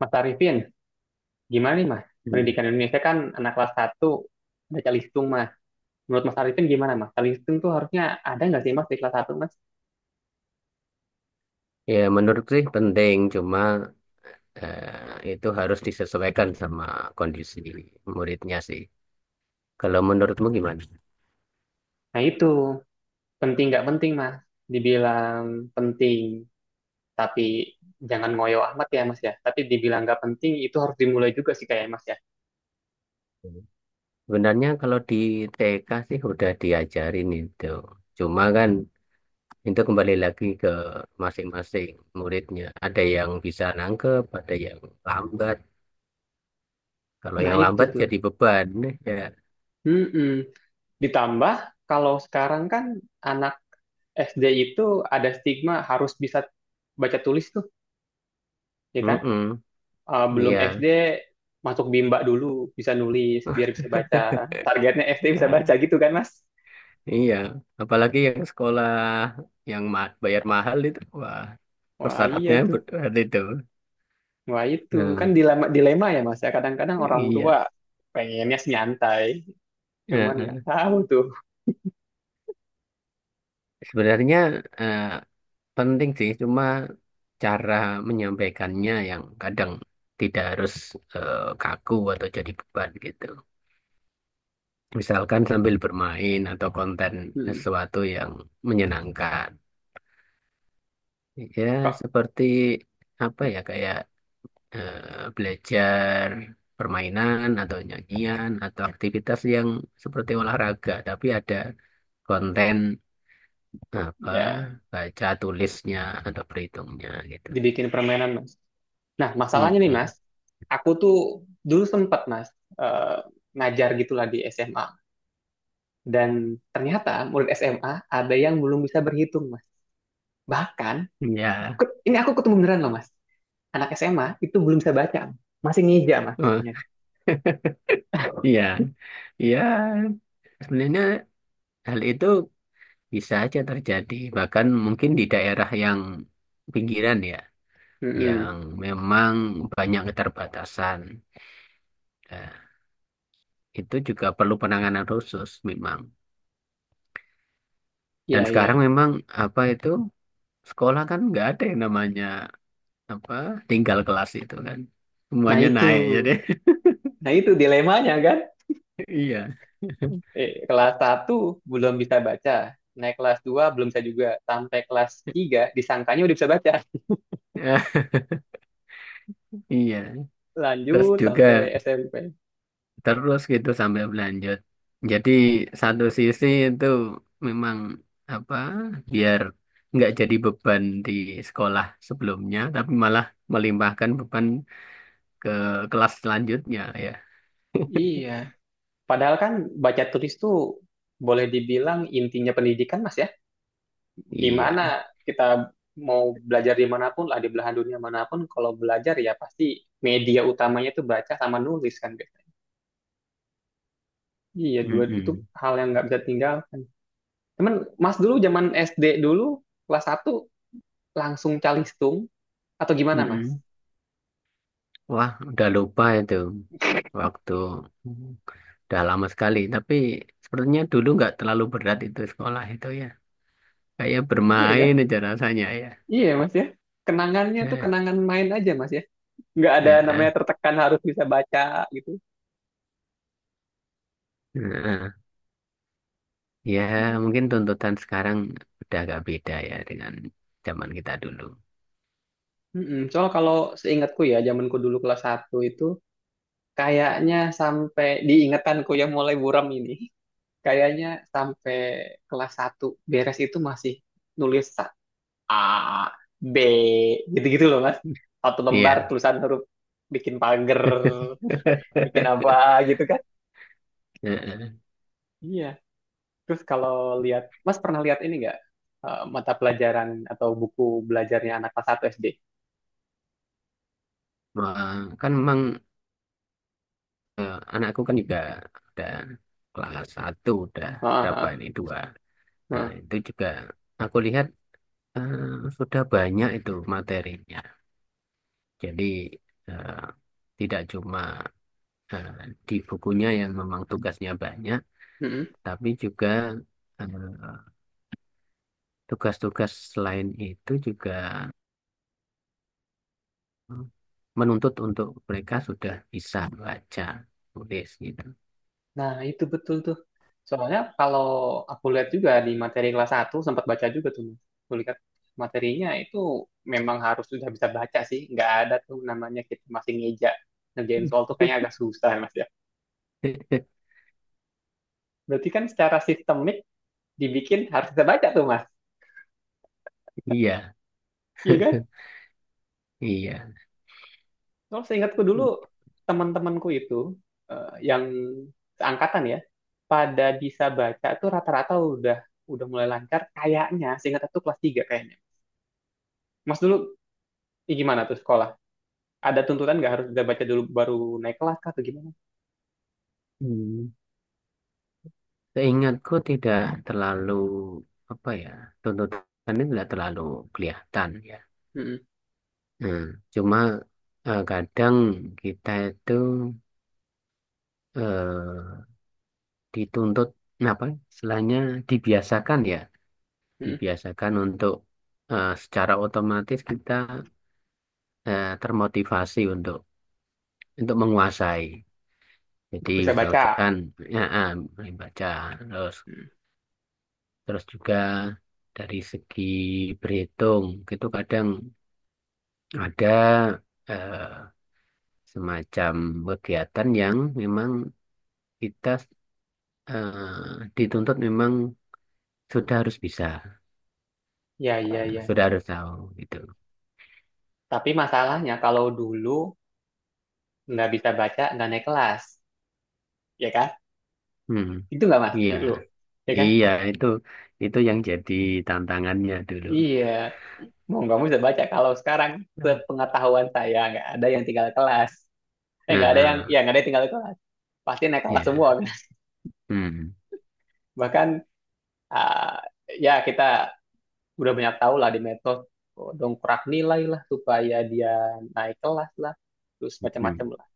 Mas Arifin, gimana nih Mas? Hmm. Pendidikan Indonesia kan anak kelas satu baca listung Mas. Menurut Mas Arifin gimana Mas? Baca Listung tuh harusnya ada nggak sih Mas di kelas satu Mas? Ya, menurut sih penting, cuma itu harus disesuaikan sama kondisi muridnya sih. Kalau menurutmu gimana? Nah itu, penting nggak penting Mas? Dibilang penting, tapi jangan ngoyo amat ya Mas ya. Tapi dibilang nggak penting itu harus dimulai juga sih kayak Mas ya. Sebenarnya kalau di TK sih udah diajarin itu. Cuma kan itu kembali lagi ke masing-masing muridnya. Ada yang bisa nangkep, ada yang lambat. Kalau Nah yang itu lambat tuh. jadi beban ya. Mm-mm. Ditambah kalau sekarang kan anak SD itu ada stigma harus bisa baca tulis tuh, ya kan? Mm-mm. Belum Iya. SD masuk bimbak dulu bisa nulis biar bisa baca. Targetnya SD bisa baca gitu kan Mas? Iya, apalagi yang sekolah yang bayar mahal itu, wah. Wah iya Persyaratnya tuh, berat itu. wah itu Hmm, kan dilema dilema ya Mas ya. Kadang-kadang orang tua iya. pengennya sih nyantai, Eh, cuman nggak eh. tahu tuh. Sebenarnya eh, penting sih, cuma cara menyampaikannya yang kadang tidak harus kaku atau jadi beban gitu. Misalkan sambil bermain atau konten Hmm. sesuatu yang menyenangkan. Ya, Kok seperti apa ya, kayak belajar permainan atau nyanyian atau aktivitas yang seperti olahraga, tapi ada konten apa ya baca tulisnya atau perhitungnya gitu. dibikin permainan Mas. Nah masalahnya nih Mas, Mm-mm. aku tuh dulu sempet Mas eh, ngajar gitulah di SMA. Dan ternyata murid SMA ada yang belum bisa berhitung Mas. Bahkan Ya, ini aku ketemu beneran loh Mas. Anak SMA itu belum bisa baca, masih ngeja mas Eh, bacanya. ya, ya. Sebenarnya hal itu bisa aja terjadi. Bahkan mungkin di daerah yang pinggiran ya, yang Mm-mm. memang banyak keterbatasan. Nah, itu juga perlu penanganan khusus memang. Dan Iya, iya. sekarang memang apa itu sekolah kan nggak ada yang namanya apa tinggal kelas itu kan. Nah Semuanya itu, naik jadi nah itu dilemanya kan. iya. Kelas satu belum bisa baca, naik kelas 2 belum bisa juga, sampai kelas 3 disangkanya udah bisa baca. Ya, iya, terus Lanjut juga sampai SMP. terus gitu sambil berlanjut. Jadi satu sisi itu memang apa biar nggak jadi beban di sekolah sebelumnya, tapi malah melimpahkan beban ke kelas selanjutnya ya. Iya. Padahal kan baca tulis tuh boleh dibilang intinya pendidikan mas ya. Iya. Gimana kita mau belajar dimanapun lah di belahan dunia manapun, kalau belajar ya pasti media utamanya tuh baca sama nulis kan. Gitu. Iya, dua itu Mm-mm. hal yang nggak bisa tinggalkan. Temen, Mas dulu zaman SD dulu kelas satu langsung calistung atau gimana, Mas? Mm-mm. Wah, udah lupa itu, waktu udah lama sekali. Tapi sepertinya dulu nggak terlalu berat itu sekolah itu ya. Kayak Iya ya, bermain aja rasanya ya. iya Mas ya. Kenangannya tuh Eh, kenangan main aja, Mas ya. Nggak ada eh, eh. namanya tertekan harus bisa baca gitu. Nah, ya mungkin tuntutan sekarang udah agak beda ya dengan zaman kita dulu. Mm-mm. Soal kalau seingatku ya, zamanku dulu kelas satu itu kayaknya sampai diingetanku yang mulai buram ini, kayaknya sampai kelas satu beres itu masih nulis A B gitu-gitu loh mas, satu lembar Iya. tulisan huruf, bikin pagar, bikin apa gitu kan. Heeh. Iya. Terus kalau lihat mas pernah lihat ini nggak, mata pelajaran atau buku belajarnya anak kelas 1 SD? Wah, kan memang anakku kan juga udah kelas satu, udah Heeh, berapa heeh, ini dua. Nah, heeh. itu juga aku lihat sudah banyak itu materinya. Jadi eh, tidak cuma eh, di bukunya yang memang tugasnya banyak, Mm-mm. tapi juga eh, tugas-tugas selain itu juga hmm, menuntut untuk mereka sudah bisa baca, tulis gitu. Nah, itu betul tuh. Soalnya kalau aku lihat juga di materi kelas satu sempat baca juga tuh, Mas. Aku lihat materinya itu memang harus sudah bisa baca sih. Nggak ada tuh namanya kita masih ngeja. Ngerjain soal tuh kayaknya agak susah, Mas. Berarti kan secara sistemik dibikin harus bisa baca tuh Mas. Iya, Iya kan? iya. Kalau seingatku dulu teman-temanku itu yang seangkatan ya pada bisa baca tuh rata-rata udah mulai lancar kayaknya, seingat aku kelas 3 kayaknya. Mas dulu gimana tuh sekolah? Ada tuntutan nggak harus bisa baca dulu baru naik kelas kah atau gimana? Hmm. Seingatku tidak terlalu apa ya, tuntutannya tidak terlalu kelihatan ya. Mm-mm, Hmm. Cuma kadang kita itu eh, dituntut apa? Istilahnya dibiasakan ya, mm-mm. dibiasakan untuk secara otomatis kita termotivasi untuk menguasai. Jadi Untuk bisa baca. misalkan ya, mulai baca terus, Mm. terus juga dari segi berhitung itu kadang ada eh, semacam kegiatan yang memang kita dituntut memang sudah harus bisa, Ya ya ya. sudah harus tahu gitu. Tapi masalahnya kalau dulu nggak bisa baca nggak naik kelas, ya kan? Hmm, Itu nggak Mas iya. dulu, ya kan? Iya, itu yang jadi tantangannya dulu. Iya, mau nggak mau bisa baca. Kalau sekarang Nah, sepengetahuan saya nggak ada yang tinggal kelas. Eh nggak ada yang, nah, Ya nggak ada yang tinggal kelas. Pasti naik kelas semua. ya. Hmm. Bahkan ah, ya kita udah banyak tahu lah di medsos, dongkrak nilai lah supaya dia naik kelas lah, terus Hmm, macam-macam lah.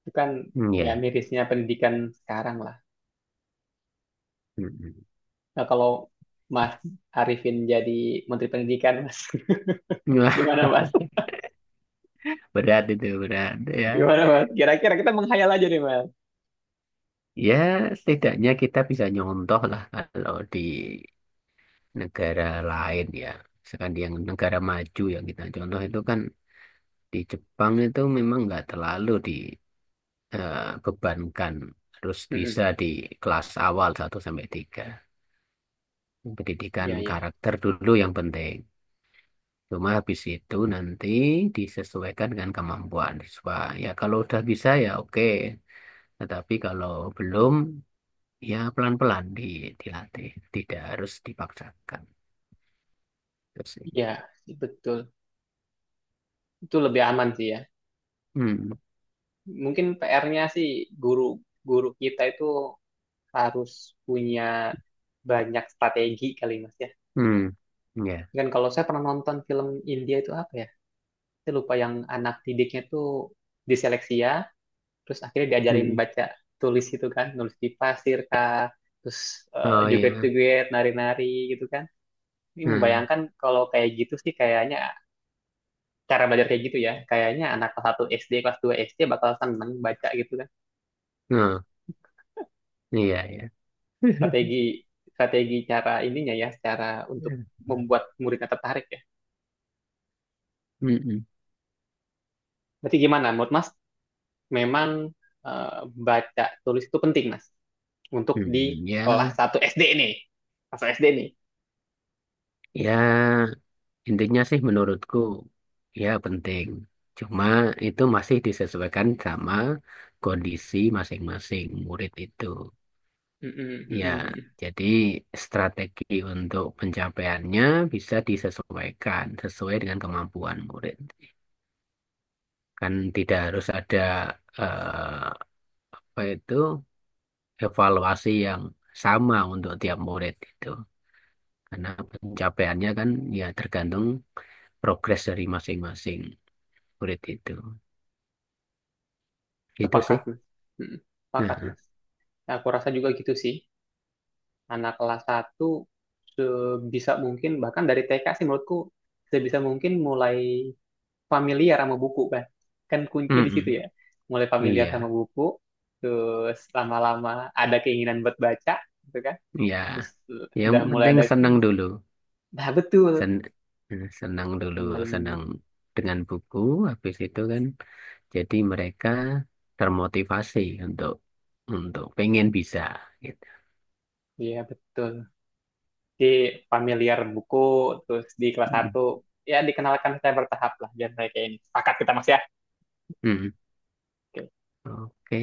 Itu kan hmm, ya ya. mirisnya pendidikan sekarang lah. Hmm, Nah kalau Mas Arifin jadi Menteri Pendidikan, Mas, hmm. Wah, gimana Mas? berat itu, berat ya. Gimana Mas? Kira-kira kita menghayal aja nih Mas. Ya, setidaknya kita bisa nyontoh lah kalau di negara lain ya. Misalkan di yang negara maju yang kita contoh itu kan di Jepang itu memang nggak terlalu dibebankan harus Mm-mm. bisa di kelas awal satu sampai tiga. Pendidikan Iya, iya. karakter dulu yang penting. Cuma habis itu nanti disesuaikan dengan kemampuan siswa. Ya kalau udah bisa ya oke. Tetapi kalau belum, ya pelan-pelan di, dilatih, tidak harus dipaksakan. Terus, Iya, sih, betul. Itu lebih aman sih ya. hmm, Mungkin PR-nya sih guru guru kita itu harus punya banyak strategi kali Mas ya. hmm, ya, Kan kalau saya pernah nonton film India itu apa ya? Saya lupa yang anak didiknya tuh diseleksi ya, terus akhirnya diajarin hmm. baca tulis itu kan, nulis di pasir kah, terus Oh ya, joget-joget, nari-nari gitu kan. Ini hmm, membayangkan kalau kayak gitu sih, kayaknya cara belajar kayak gitu ya. Kayaknya anak kelas 1 SD, kelas 2 SD bakal seneng baca gitu kan. oh, iya ya. Strategi strategi cara ininya ya, cara untuk Ya. membuat muridnya tertarik ya. Hmm, hmm, Berarti gimana menurut Mas? Memang eh, baca tulis itu penting Mas untuk di hmm, kelas ya, 1 SD nih. Masuk SD nih. ya intinya sih menurutku ya penting. Cuma itu masih disesuaikan sama kondisi masing-masing murid itu. Mm-mm, mm-mm, Ya, mm-mm. jadi strategi untuk pencapaiannya bisa disesuaikan sesuai dengan kemampuan murid. Kan tidak harus ada eh, apa itu evaluasi yang sama untuk tiap murid itu. Karena pencapaiannya kan ya tergantung progres dari masing-masing murid itu. Itu Sepakat sih. Mas. Mm-mm. Sepakat Nah, Mas. Aku rasa juga gitu sih. Anak kelas satu sebisa mungkin bahkan dari TK sih menurutku sebisa mungkin mulai familiar sama buku, kan kan kuncinya di situ mm-mm. ya, mulai familiar sama Iya, buku, terus lama-lama ada keinginan buat baca gitu kan. iya. Terus Yang udah mulai penting ada, senang dulu. nah betul, sen senang dulu, temen, senang dengan buku habis itu kan jadi mereka termotivasi untuk pengen bisa gitu. iya betul di familiar buku, terus di kelas Mm. satu, ya dikenalkan secara bertahap lah biar saya kayak ini sepakat kita mas ya. Mm. Oke, Oke.